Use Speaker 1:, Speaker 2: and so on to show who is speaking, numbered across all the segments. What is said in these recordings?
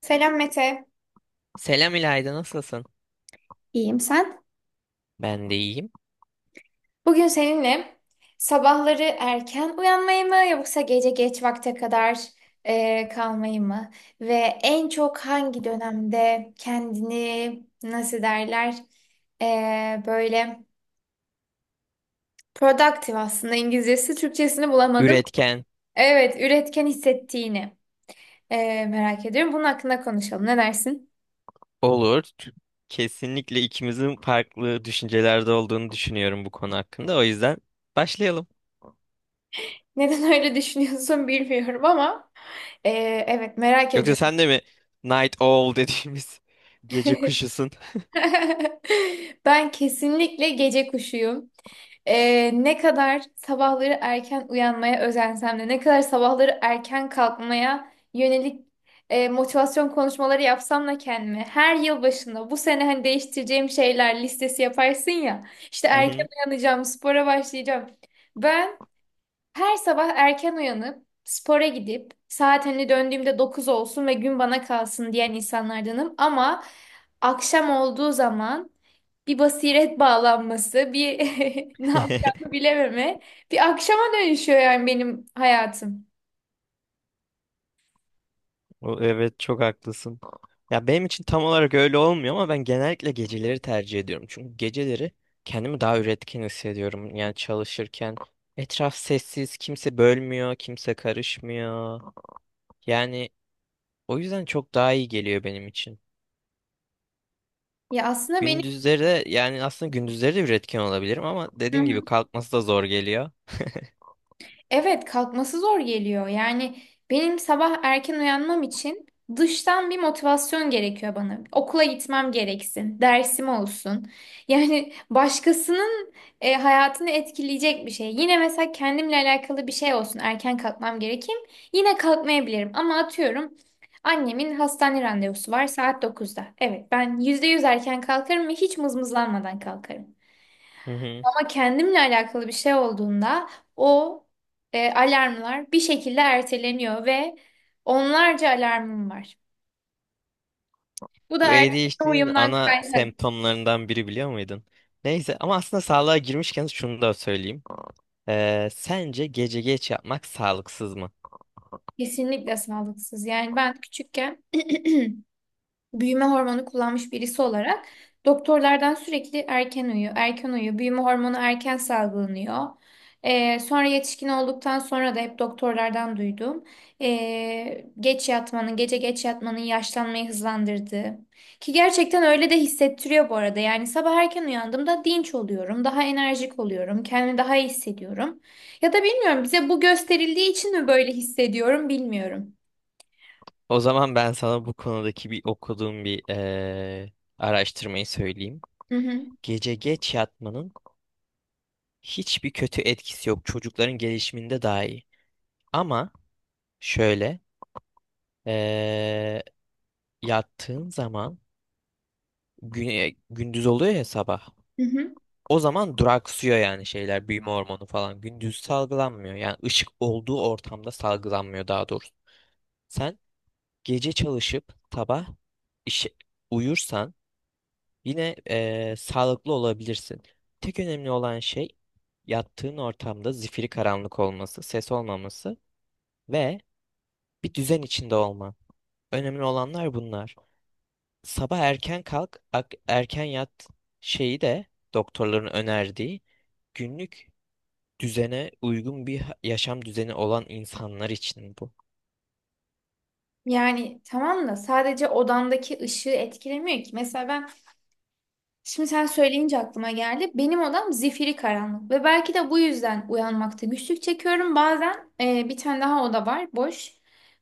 Speaker 1: Selam Mete.
Speaker 2: Selam İlayda, nasılsın?
Speaker 1: İyiyim sen?
Speaker 2: Ben de iyiyim.
Speaker 1: Bugün seninle sabahları erken uyanmayı mı yoksa gece geç vakte kadar kalmayı mı? Ve en çok hangi dönemde kendini nasıl derler böyle productive aslında İngilizcesi Türkçesini bulamadım.
Speaker 2: Üretken
Speaker 1: Evet üretken hissettiğini merak ediyorum. Bunun hakkında konuşalım ne dersin?
Speaker 2: olur. Kesinlikle ikimizin farklı düşüncelerde olduğunu düşünüyorum bu konu hakkında. O yüzden başlayalım.
Speaker 1: Neden öyle düşünüyorsun bilmiyorum ama e, evet merak
Speaker 2: Yoksa
Speaker 1: ediyorum.
Speaker 2: sen de mi Night Owl dediğimiz gece kuşusun?
Speaker 1: Ben kesinlikle gece kuşuyum. Ne kadar sabahları erken uyanmaya özensem de, ne kadar sabahları erken kalkmaya yönelik motivasyon konuşmaları yapsam da kendime, her yıl başında bu sene hani değiştireceğim şeyler listesi yaparsın ya, işte
Speaker 2: Hı
Speaker 1: erken
Speaker 2: hı.
Speaker 1: uyanacağım, spora başlayacağım. Ben her sabah erken uyanıp, spora gidip, saat hani döndüğümde 9 olsun ve gün bana kalsın diyen insanlardanım. Ama akşam olduğu zaman bir basiret bağlanması, bir ne yapacağımı bilememe, bir akşama dönüşüyor yani benim hayatım.
Speaker 2: Evet, çok haklısın. Ya benim için tam olarak öyle olmuyor ama ben genellikle geceleri tercih ediyorum. Çünkü geceleri kendimi daha üretken hissediyorum. Yani çalışırken etraf sessiz, kimse bölmüyor, kimse karışmıyor. Yani o yüzden çok daha iyi geliyor benim için.
Speaker 1: Ya aslında
Speaker 2: Gündüzleri de yani aslında gündüzleri de üretken olabilirim ama dediğin gibi
Speaker 1: benim
Speaker 2: kalkması da zor geliyor.
Speaker 1: evet, kalkması zor geliyor. Yani benim sabah erken uyanmam için dıştan bir motivasyon gerekiyor bana. Okula gitmem gereksin, dersim olsun. Yani başkasının hayatını etkileyecek bir şey. Yine mesela kendimle alakalı bir şey olsun, erken kalkmam gerekeyim. Yine kalkmayabilirim ama atıyorum annemin hastane randevusu var saat dokuzda. Evet, ben %100 erken kalkarım ve hiç mızmızlanmadan kalkarım.
Speaker 2: Hı hı.
Speaker 1: Ama kendimle alakalı bir şey olduğunda o alarmlar bir şekilde erteleniyor ve onlarca alarmım var. Bu da
Speaker 2: Bu
Speaker 1: erteleme
Speaker 2: ADHD'nin
Speaker 1: uyumdan
Speaker 2: ana
Speaker 1: kaynak.
Speaker 2: semptomlarından biri, biliyor muydun? Neyse, ama aslında sağlığa girmişken şunu da söyleyeyim. Sence gece geç yapmak sağlıksız mı?
Speaker 1: Kesinlikle sağlıksız. Yani ben küçükken büyüme hormonu kullanmış birisi olarak doktorlardan sürekli erken uyu, erken uyu, büyüme hormonu erken salgılanıyor. Sonra yetişkin olduktan sonra da hep doktorlardan duydum. Geç yatmanın, gece geç yatmanın yaşlanmayı hızlandırdığı. Ki gerçekten öyle de hissettiriyor bu arada. Yani sabah erken uyandığımda dinç oluyorum, daha enerjik oluyorum, kendimi daha iyi hissediyorum. Ya da bilmiyorum bize bu gösterildiği için mi böyle hissediyorum bilmiyorum.
Speaker 2: O zaman ben sana bu konudaki bir okuduğum bir araştırmayı söyleyeyim.
Speaker 1: Hı hı.
Speaker 2: Gece geç yatmanın hiçbir kötü etkisi yok. Çocukların gelişiminde daha iyi. Ama şöyle, ee, yattığın zaman gündüz oluyor ya sabah.
Speaker 1: Hı hı.
Speaker 2: O zaman duraksıyor yani şeyler, büyüme hormonu falan. Gündüz salgılanmıyor. Yani ışık olduğu ortamda salgılanmıyor daha doğrusu. Sen gece çalışıp sabah işe uyursan yine sağlıklı olabilirsin. Tek önemli olan şey, yattığın ortamda zifiri karanlık olması, ses olmaması ve bir düzen içinde olman. Önemli olanlar bunlar. Sabah erken kalk, erken yat şeyi de doktorların önerdiği günlük düzene uygun bir yaşam düzeni olan insanlar için bu.
Speaker 1: Yani tamam da sadece odandaki ışığı etkilemiyor ki. Mesela ben şimdi sen söyleyince aklıma geldi. Benim odam zifiri karanlık ve belki de bu yüzden uyanmakta güçlük çekiyorum. Bazen bir tane daha oda var boş.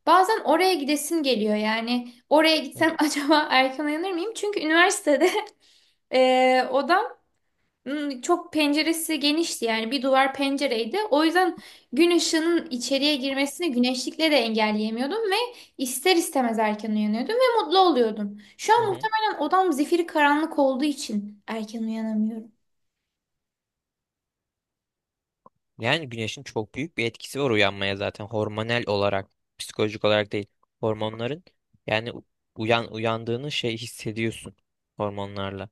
Speaker 1: Bazen oraya gidesim geliyor yani oraya
Speaker 2: Hı
Speaker 1: gitsem acaba erken uyanır mıyım? Çünkü üniversitede odam hmm, çok penceresi genişti yani bir duvar pencereydi. O yüzden gün ışığının içeriye girmesini güneşlikle de engelleyemiyordum ve ister istemez erken uyanıyordum ve mutlu oluyordum. Şu
Speaker 2: hı.
Speaker 1: an
Speaker 2: Hı.
Speaker 1: muhtemelen odam zifiri karanlık olduğu için erken uyanamıyorum.
Speaker 2: Yani güneşin çok büyük bir etkisi var uyanmaya, zaten hormonal olarak, psikolojik olarak değil. Hormonların, yani uyandığını şey hissediyorsun, hormonlarla.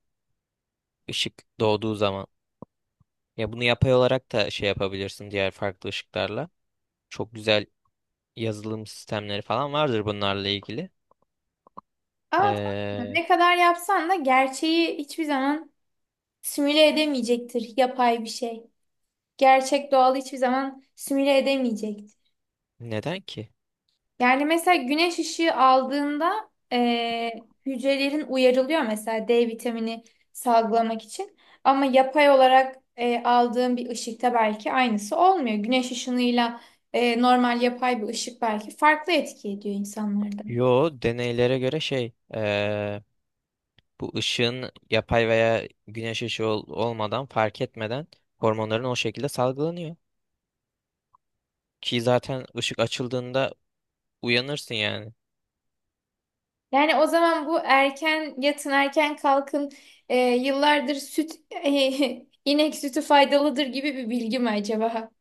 Speaker 2: Işık doğduğu zaman. Ya bunu yapay olarak da şey yapabilirsin diğer farklı ışıklarla. Çok güzel yazılım sistemleri falan vardır bunlarla ilgili.
Speaker 1: Ama tamam,
Speaker 2: Ee,
Speaker 1: ne kadar yapsan da gerçeği hiçbir zaman simüle edemeyecektir yapay bir şey. Gerçek doğal hiçbir zaman simüle edemeyecektir.
Speaker 2: Neden ki?
Speaker 1: Yani mesela güneş ışığı aldığında hücrelerin uyarılıyor mesela D vitamini salgılamak için. Ama yapay olarak aldığın bir ışıkta belki aynısı olmuyor. Güneş ışınıyla normal yapay bir ışık belki farklı etki ediyor insanlarda.
Speaker 2: Yo, deneylere göre şey, bu ışığın yapay veya güneş ışığı olmadan fark etmeden hormonların o şekilde salgılanıyor. Ki zaten ışık açıldığında uyanırsın yani.
Speaker 1: Yani o zaman bu erken yatın erken kalkın yıllardır süt inek sütü faydalıdır gibi bir bilgi mi acaba?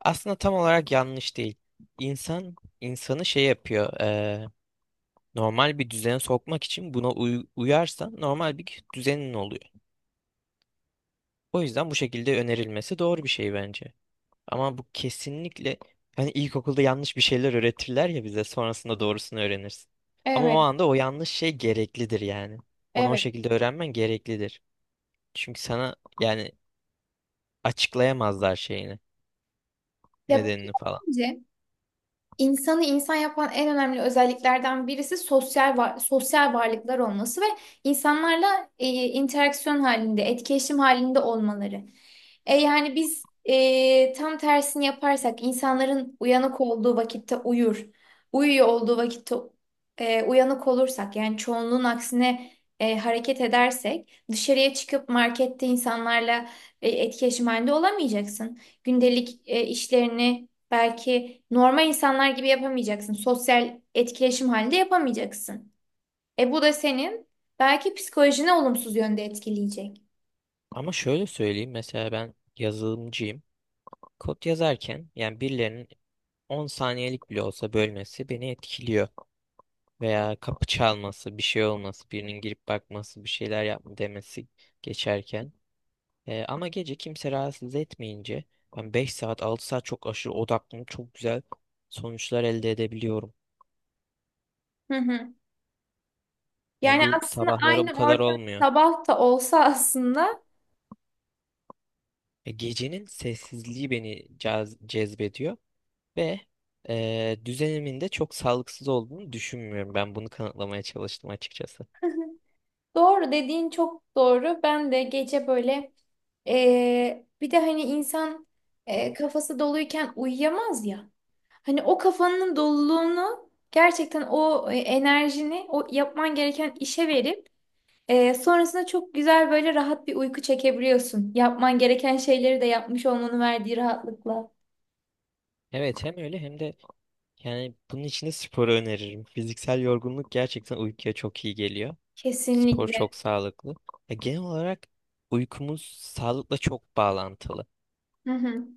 Speaker 2: Aslında tam olarak yanlış değil. İnsan insanı şey yapıyor. Normal bir düzene sokmak için buna uyarsan normal bir düzenin oluyor. O yüzden bu şekilde önerilmesi doğru bir şey bence. Ama bu kesinlikle, hani ilkokulda yanlış bir şeyler öğretirler ya bize, sonrasında doğrusunu öğrenirsin. Ama o
Speaker 1: Evet,
Speaker 2: anda o yanlış şey gereklidir yani. Onu o
Speaker 1: evet.
Speaker 2: şekilde öğrenmen gereklidir. Çünkü sana yani açıklayamazlar şeyini,
Speaker 1: Ya,
Speaker 2: nedenini falan.
Speaker 1: İnsanı insan yapan en önemli özelliklerden birisi sosyal var, sosyal varlıklar olması ve insanlarla interaksiyon halinde, etkileşim halinde olmaları. Yani biz tam tersini yaparsak insanların uyanık olduğu vakitte uyur, uyuyor olduğu vakitte uyanık olursak yani çoğunluğun aksine hareket edersek dışarıya çıkıp markette insanlarla etkileşim halinde olamayacaksın. Gündelik işlerini belki normal insanlar gibi yapamayacaksın. Sosyal etkileşim halinde yapamayacaksın. E bu da senin belki psikolojine olumsuz yönde etkileyecek.
Speaker 2: Ama şöyle söyleyeyim, mesela ben yazılımcıyım. Kod yazarken yani birilerinin 10 saniyelik bile olsa bölmesi beni etkiliyor. Veya kapı çalması, bir şey olması, birinin girip bakması, bir şeyler yapma demesi geçerken. Ama gece kimse rahatsız etmeyince ben 5 saat 6 saat çok aşırı odaklanıp çok güzel sonuçlar elde edebiliyorum.
Speaker 1: Hı hı.
Speaker 2: Yani
Speaker 1: Yani
Speaker 2: bu
Speaker 1: aslında
Speaker 2: sabahlara
Speaker 1: aynı
Speaker 2: bu kadar
Speaker 1: ortam
Speaker 2: olmuyor.
Speaker 1: sabah da olsa aslında
Speaker 2: Gecenin sessizliği beni cezbediyor ve düzenimin de çok sağlıksız olduğunu düşünmüyorum. Ben bunu kanıtlamaya çalıştım açıkçası.
Speaker 1: doğru dediğin çok doğru. Ben de gece böyle bir de hani insan kafası doluyken uyuyamaz ya. Hani o kafanın doluluğunu gerçekten o enerjini o yapman gereken işe verip sonrasında çok güzel böyle rahat bir uyku çekebiliyorsun. Yapman gereken şeyleri de yapmış olmanın verdiği rahatlıkla.
Speaker 2: Evet, hem öyle hem de yani bunun için de sporu öneririm. Fiziksel yorgunluk gerçekten uykuya çok iyi geliyor. Spor
Speaker 1: Kesinlikle.
Speaker 2: çok sağlıklı. Ya genel olarak uykumuz sağlıkla çok bağlantılı.
Speaker 1: Hı hı.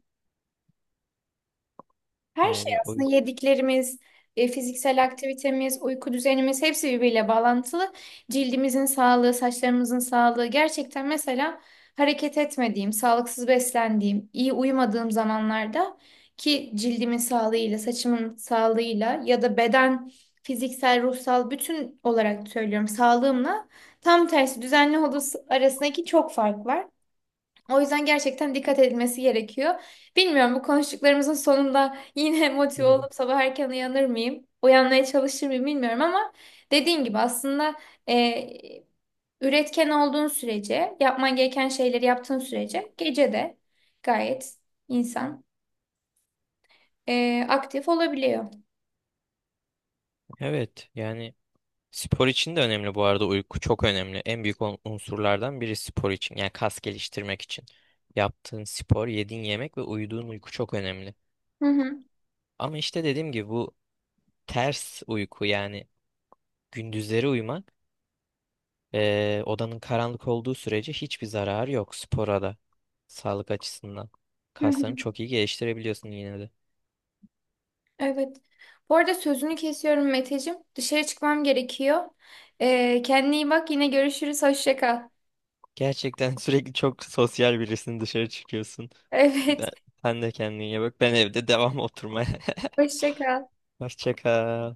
Speaker 1: Her şey
Speaker 2: Yani o
Speaker 1: aslında yediklerimiz, fiziksel aktivitemiz, uyku düzenimiz hepsi birbiriyle bağlantılı. Cildimizin sağlığı, saçlarımızın sağlığı. Gerçekten mesela hareket etmediğim, sağlıksız beslendiğim, iyi uyumadığım zamanlarda ki cildimin sağlığıyla, saçımın sağlığıyla ya da beden, fiziksel, ruhsal bütün olarak söylüyorum sağlığımla tam tersi düzenli olduğu arasındaki çok fark var. O yüzden gerçekten dikkat edilmesi gerekiyor. Bilmiyorum bu konuştuklarımızın sonunda yine motive olup sabah erken uyanır mıyım? Uyanmaya çalışır mıyım bilmiyorum ama dediğin gibi aslında e, üretken olduğun sürece, yapman gereken şeyleri yaptığın sürece gece de gayet insan aktif olabiliyor.
Speaker 2: evet yani spor için de önemli bu arada, uyku çok önemli. En büyük unsurlardan biri spor için, yani kas geliştirmek için. Yaptığın spor, yediğin yemek ve uyuduğun uyku çok önemli.
Speaker 1: Hı hı,
Speaker 2: Ama işte dediğim gibi bu ters uyku, yani gündüzleri uyumak, odanın karanlık olduğu sürece hiçbir zararı yok, spora da sağlık açısından.
Speaker 1: hı
Speaker 2: Kaslarını
Speaker 1: hı.
Speaker 2: çok iyi geliştirebiliyorsun yine de.
Speaker 1: Evet. Bu arada sözünü kesiyorum Meteciğim. Dışarı çıkmam gerekiyor. Kendine iyi bak. Yine görüşürüz. Hoşça kal.
Speaker 2: Gerçekten sürekli çok sosyal birisin, dışarı çıkıyorsun.
Speaker 1: Evet.
Speaker 2: Ben, sen de kendine iyi bak. Ben evde devam oturmaya.
Speaker 1: Hoşça kal.
Speaker 2: Hoşça kal.